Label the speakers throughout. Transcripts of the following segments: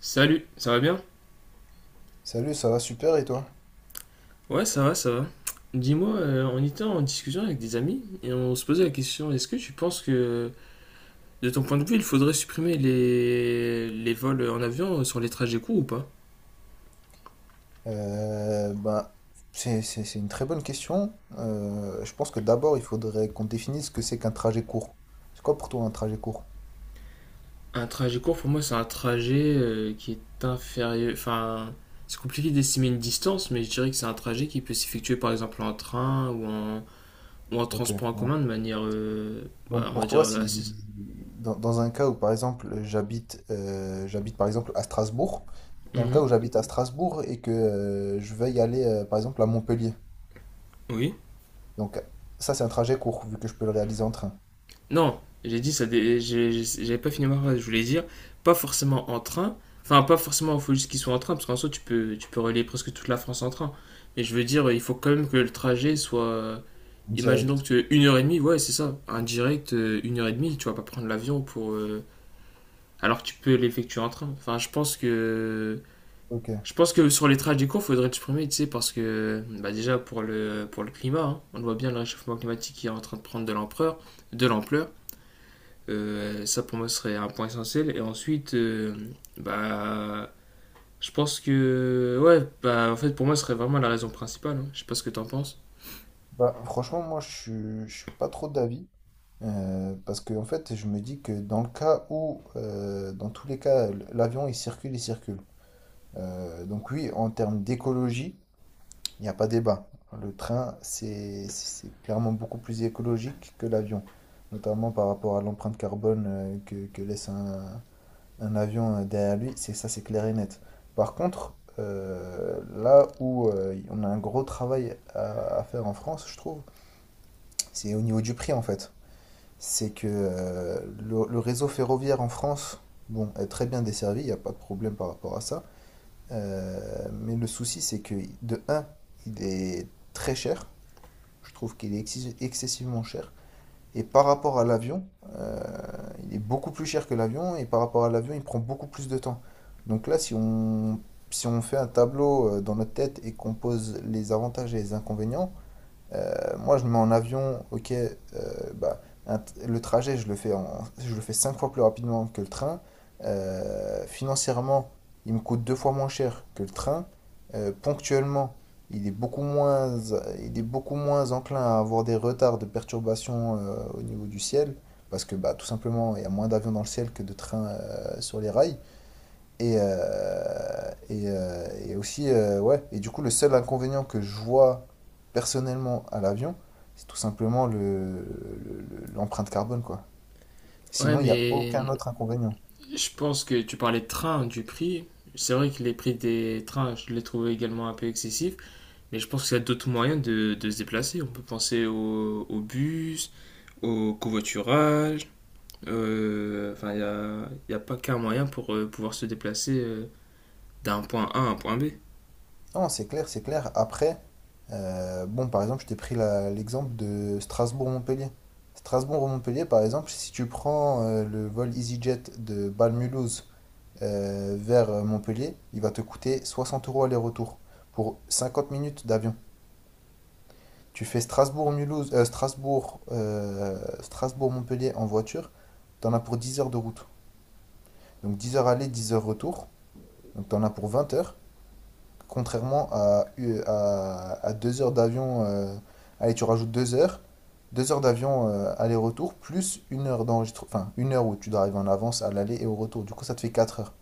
Speaker 1: Salut, ça va bien?
Speaker 2: Salut, ça va super et toi?
Speaker 1: Ouais, ça va, ça va. Dis-moi, on était en discussion avec des amis et on se posait la question, est-ce que tu penses que, de ton point de vue, il faudrait supprimer les vols en avion sur les trajets courts ou pas?
Speaker 2: Euh, ben, c'est une très bonne question. Je pense que d'abord, il faudrait qu'on définisse ce que c'est qu'un trajet court. C'est quoi pour toi un trajet court?
Speaker 1: Un trajet court, pour moi, c'est un trajet qui est inférieur... Enfin, c'est compliqué d'estimer une distance, mais je dirais que c'est un trajet qui peut s'effectuer, par exemple, en train ou en
Speaker 2: Ok.
Speaker 1: transport en commun de manière, bah,
Speaker 2: Donc
Speaker 1: on va
Speaker 2: pour
Speaker 1: dire,
Speaker 2: toi,
Speaker 1: assez...
Speaker 2: si dans un cas où par exemple j'habite par exemple à Strasbourg, dans le cas
Speaker 1: Mhm.
Speaker 2: où j'habite à Strasbourg et que je veux y aller par exemple à Montpellier.
Speaker 1: Oui.
Speaker 2: Donc ça c'est un trajet court vu que je peux le réaliser en train,
Speaker 1: Non, j'ai dit ça. J'avais pas fini ma phrase. Je voulais dire pas forcément en train. Enfin, pas forcément. Il faut juste qu'ils soient en train parce qu'en soi, tu peux relier presque toute la France en train. Mais je veux dire, il faut quand même que le trajet soit.
Speaker 2: en
Speaker 1: Imaginons que
Speaker 2: direct.
Speaker 1: tu es une heure et demie. Ouais, c'est ça. Un direct une heure et demie. Tu vas pas prendre l'avion pour. Alors que tu peux l'effectuer en train. Enfin, je pense que.
Speaker 2: Ok.
Speaker 1: Je pense que sur les trajets courts, faudrait le supprimer, tu sais, parce que bah déjà pour le climat, hein, on voit bien le réchauffement climatique qui est en train de prendre de l'ampleur. Ça pour moi serait un point essentiel. Et ensuite, bah, je pense que, ouais, bah, en fait, pour moi, ce serait vraiment la raison principale, hein. Je sais pas ce que t'en penses.
Speaker 2: Bah franchement je suis pas trop d'avis. Parce que en fait, je me dis que dans le cas où, dans tous les cas, il circule. Donc oui, en termes d'écologie, il n'y a pas débat. Le train, c'est clairement beaucoup plus écologique que l'avion, notamment par rapport à l'empreinte carbone que laisse un avion derrière lui. C'est clair et net. Par contre, là où on a un gros travail à faire en France, je trouve, c'est au niveau du prix en fait. C'est que le réseau ferroviaire en France, bon, est très bien desservi, il n'y a pas de problème par rapport à ça. Mais le souci, c'est que de un, il est très cher. Je trouve qu'il est excessivement cher. Et par rapport à l'avion, euh, il est beaucoup plus cher que l'avion. Et par rapport à l'avion, il prend beaucoup plus de temps. Donc là, si on fait un tableau dans notre tête et qu'on pose les avantages et les inconvénients, moi, je me mets en avion, ok, bah, un, le trajet, je le fais cinq fois plus rapidement que le train. Financièrement, il me coûte deux fois moins cher que le train. Ponctuellement, il est beaucoup moins, il est beaucoup moins enclin à avoir des retards de perturbations au niveau du ciel, parce que bah, tout simplement, il y a moins d'avions dans le ciel que de trains sur les rails. Ouais. Et du coup, le seul inconvénient que je vois personnellement à l'avion, c'est tout simplement l'empreinte carbone, quoi.
Speaker 1: Ouais,
Speaker 2: Sinon, il n'y a aucun
Speaker 1: mais
Speaker 2: autre inconvénient.
Speaker 1: je pense que tu parlais de train, du prix. C'est vrai que les prix des trains, je les trouve également un peu excessifs, mais je pense qu'il y a d'autres moyens de se déplacer. On peut penser au bus, au covoiturage. Enfin, il y a pas qu'un moyen pour pouvoir se déplacer d'un point A à un point B.
Speaker 2: Non, c'est clair, c'est clair. Après, bon, par exemple, je t'ai pris l'exemple de Strasbourg-Montpellier. Strasbourg-Montpellier, par exemple, si tu prends le vol EasyJet de Bâle-Mulhouse vers Montpellier, il va te coûter 60 euros aller-retour pour 50 minutes d'avion. Tu fais Strasbourg-Montpellier en voiture, t'en as pour 10 heures de route. Donc 10 heures aller, 10 heures retour, donc t'en as pour 20 heures. Contrairement à, à 2 heures d'avion, allez, tu rajoutes 2 heures, 2 heures d'avion aller-retour, plus une heure où tu dois arriver en avance à l'aller et au retour. Du coup, ça te fait 4 heures.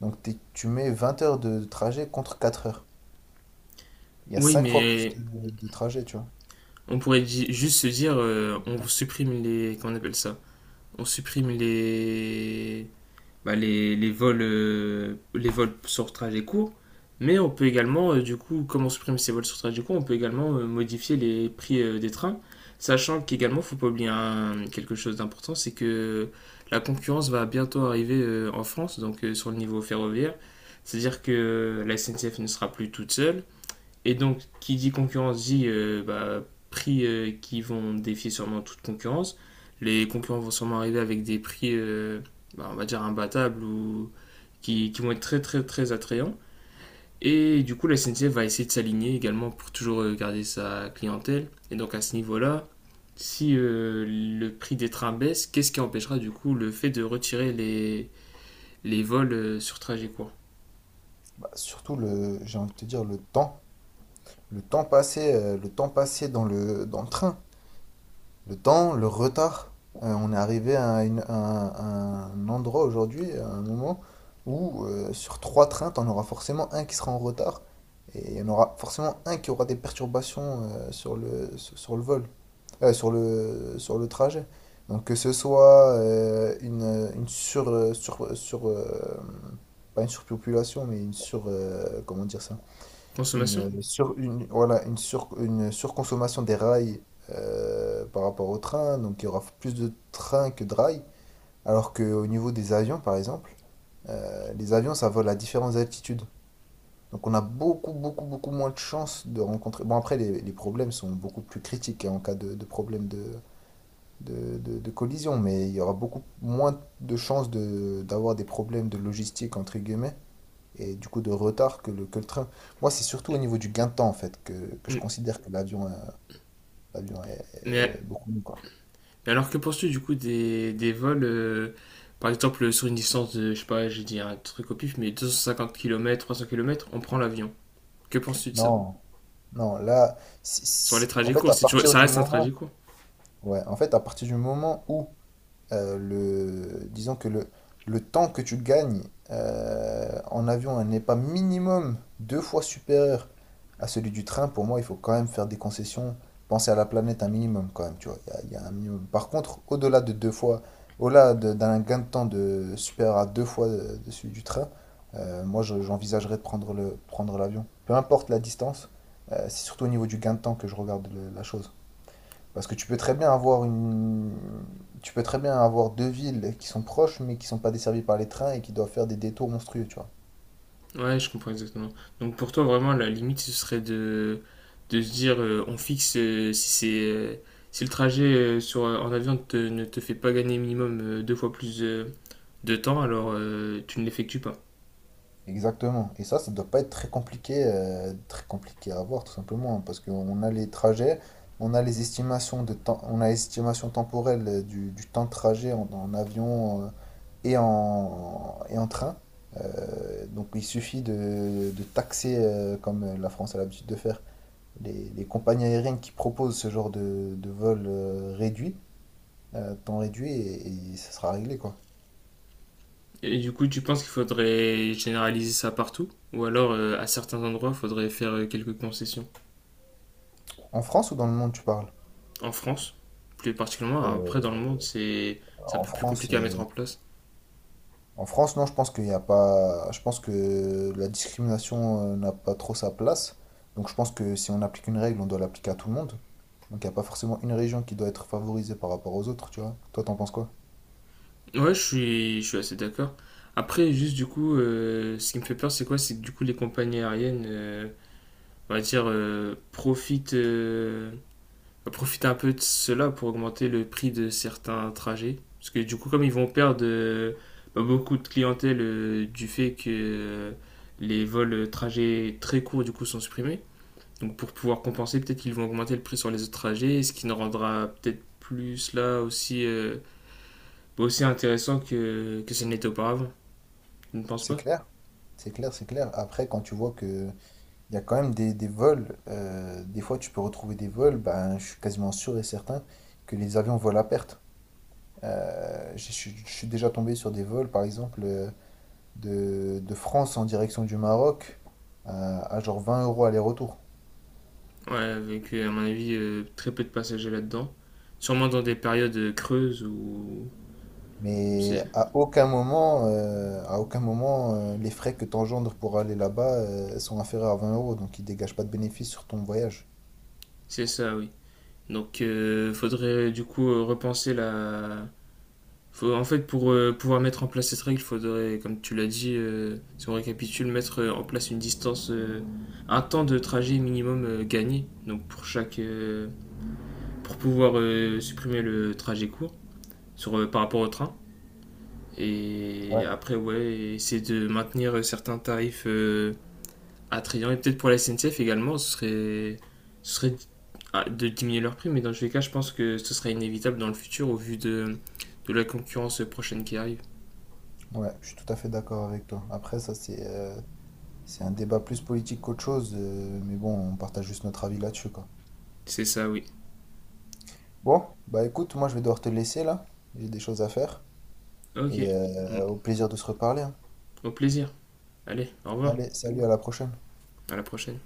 Speaker 2: Donc tu mets 20 heures de trajet contre 4 heures. Il y a
Speaker 1: Oui,
Speaker 2: 5 fois plus
Speaker 1: mais
Speaker 2: de trajet, tu vois.
Speaker 1: on pourrait juste se dire, on supprime les. Comment on appelle ça? On supprime les. Bah, les vols sur trajet court. Mais on peut également, du coup, comme on supprime ces vols sur trajet court, on peut également modifier les prix des trains. Sachant qu'également, faut pas oublier quelque chose d'important, c'est que la concurrence va bientôt arriver en France, donc sur le niveau ferroviaire. C'est-à-dire que la SNCF ne sera plus toute seule. Et donc, qui dit concurrence dit bah, prix qui vont défier sûrement toute concurrence. Les concurrents vont sûrement arriver avec des prix, bah, on va dire, imbattables ou qui vont être très très très attrayants. Et du coup, la SNCF va essayer de s'aligner également pour toujours garder sa clientèle. Et donc, à ce niveau-là, si le prix des trains baisse, qu'est-ce qui empêchera du coup le fait de retirer les vols sur trajet court.
Speaker 2: Bah, surtout, j'ai envie de te dire, le temps passé, dans dans le train, le retard. On est arrivé à, à un endroit aujourd'hui, à un moment où sur trois trains, t'en auras forcément un qui sera en retard et il y en aura forcément un qui aura des perturbations sur sur le vol, sur le trajet. Donc que ce soit une sur, sur, sur pas une surpopulation, mais comment dire ça?
Speaker 1: Consommation.
Speaker 2: Voilà, une surconsommation des rails par rapport au train, donc il y aura plus de trains que de rails, alors qu'au niveau des avions, par exemple, les avions, ça vole à différentes altitudes. Donc on a beaucoup, beaucoup, beaucoup moins de chances de rencontrer… Bon, après, les problèmes sont beaucoup plus critiques hein, en cas de problème de collision, mais il y aura beaucoup moins de chances d'avoir des problèmes de logistique, entre guillemets, et du coup de retard que que le train. Moi, c'est surtout au niveau du gain de temps, en fait, que je
Speaker 1: Mm.
Speaker 2: considère que l'avion
Speaker 1: Mais
Speaker 2: est beaucoup mieux, quoi.
Speaker 1: Mais alors que penses-tu du coup des vols, par exemple sur une distance de, je sais pas, j'ai dit un truc au pif, mais 250 km, 300 km, on prend l'avion. Que penses-tu de ça?
Speaker 2: Non, non, là,
Speaker 1: Sur les
Speaker 2: en
Speaker 1: trajets
Speaker 2: fait,
Speaker 1: courts,
Speaker 2: à
Speaker 1: si tu...
Speaker 2: partir
Speaker 1: ça
Speaker 2: du
Speaker 1: reste un trajet
Speaker 2: moment,
Speaker 1: court.
Speaker 2: ouais, en fait, à partir du moment où disons que le temps que tu gagnes en avion n'est pas minimum deux fois supérieur à celui du train, pour moi, il faut quand même faire des concessions, penser à la planète un minimum quand même, tu vois. Il y a un minimum. Par contre, au-delà de deux fois, d'un gain de temps de supérieur à deux fois de celui du train, moi, j'envisagerais de prendre prendre l'avion. Peu importe la distance, c'est surtout au niveau du gain de temps que je regarde la chose. Parce que tu peux très bien avoir deux villes qui sont proches mais qui sont pas desservies par les trains et qui doivent faire des détours monstrueux, tu vois.
Speaker 1: Ouais, je comprends exactement. Donc pour toi, vraiment, la limite, ce serait de se dire, on fixe si c'est... si le trajet en avion ne te fait pas gagner minimum deux fois plus de temps, alors tu ne l'effectues pas.
Speaker 2: Exactement. Et ça doit pas être très compliqué, à avoir tout simplement, hein, parce qu'on a les trajets, on a les estimations de temps, on a l'estimation temporelle du temps de trajet en avion et en train. Donc il suffit de taxer, comme la France a l'habitude de faire, les compagnies aériennes qui proposent ce genre de vol réduit, temps réduit, et ça sera réglé, quoi.
Speaker 1: Et du coup, tu penses qu'il faudrait généraliser ça partout? Ou alors, à certains endroits, il faudrait faire quelques concessions?
Speaker 2: En France ou dans le monde, tu parles?
Speaker 1: En France, plus particulièrement, après
Speaker 2: Euh,
Speaker 1: dans le monde, c'est un
Speaker 2: en
Speaker 1: peu plus
Speaker 2: France,
Speaker 1: compliqué à mettre
Speaker 2: euh,
Speaker 1: en place.
Speaker 2: en France, non, je pense qu'il n'y a pas, je pense que la discrimination n'a pas trop sa place. Donc, je pense que si on applique une règle, on doit l'appliquer à tout le monde. Donc, il n'y a pas forcément une région qui doit être favorisée par rapport aux autres, tu vois. Toi, t'en penses quoi?
Speaker 1: Ouais, je suis assez d'accord. Après, juste du coup, ce qui me fait peur, c'est quoi? C'est que du coup, les compagnies aériennes, on va dire, profiter un peu de cela pour augmenter le prix de certains trajets. Parce que du coup, comme ils vont perdre bah, beaucoup de clientèle du fait que les vols trajets très courts du coup sont supprimés, donc pour pouvoir compenser, peut-être qu'ils vont augmenter le prix sur les autres trajets, ce qui ne rendra peut-être plus là aussi, bah, aussi intéressant que ce n'était auparavant. Tu ne penses
Speaker 2: C'est
Speaker 1: pas?
Speaker 2: clair, c'est clair, c'est clair. Après, quand tu vois que il y a quand même des vols. Des fois, tu peux retrouver des vols. Ben, je suis quasiment sûr et certain que les avions volent à perte. Je suis déjà tombé sur des vols, par exemple, de France en direction du Maroc à genre 20 euros aller-retour.
Speaker 1: Ouais, avec à mon avis très peu de passagers là-dedans. Sûrement dans des périodes creuses où
Speaker 2: Mais
Speaker 1: c'est
Speaker 2: à aucun moment, les frais que tu engendres pour aller là-bas, sont inférieurs à 20 euros, donc ils dégagent pas de bénéfice sur ton voyage.
Speaker 1: c'est ça, oui. Donc, faudrait du coup repenser la. En fait, pour pouvoir mettre en place cette règle, faudrait, comme tu l'as dit, si on récapitule, mettre en place une distance, un temps de trajet minimum gagné. Donc, pour chaque, pour pouvoir supprimer le trajet court sur, par rapport au train.
Speaker 2: Ouais.
Speaker 1: Et après, ouais, essayer de maintenir certains tarifs attrayant. Et peut-être pour la SNCF également, ce serait ah, de diminuer leur prix, mais dans tous les cas, je pense que ce sera inévitable dans le futur au vu de la concurrence prochaine qui arrive.
Speaker 2: Ouais, je suis tout à fait d'accord avec toi. Après, ça, c'est un débat plus politique qu'autre chose, mais bon, on partage juste notre avis là-dessus, quoi.
Speaker 1: C'est ça, oui.
Speaker 2: Bon, bah écoute, moi je vais devoir te laisser là. J'ai des choses à faire. Et
Speaker 1: Ok. Mm.
Speaker 2: au plaisir de se reparler, hein.
Speaker 1: Au plaisir. Allez, au revoir.
Speaker 2: Allez, salut, à la prochaine.
Speaker 1: À la prochaine.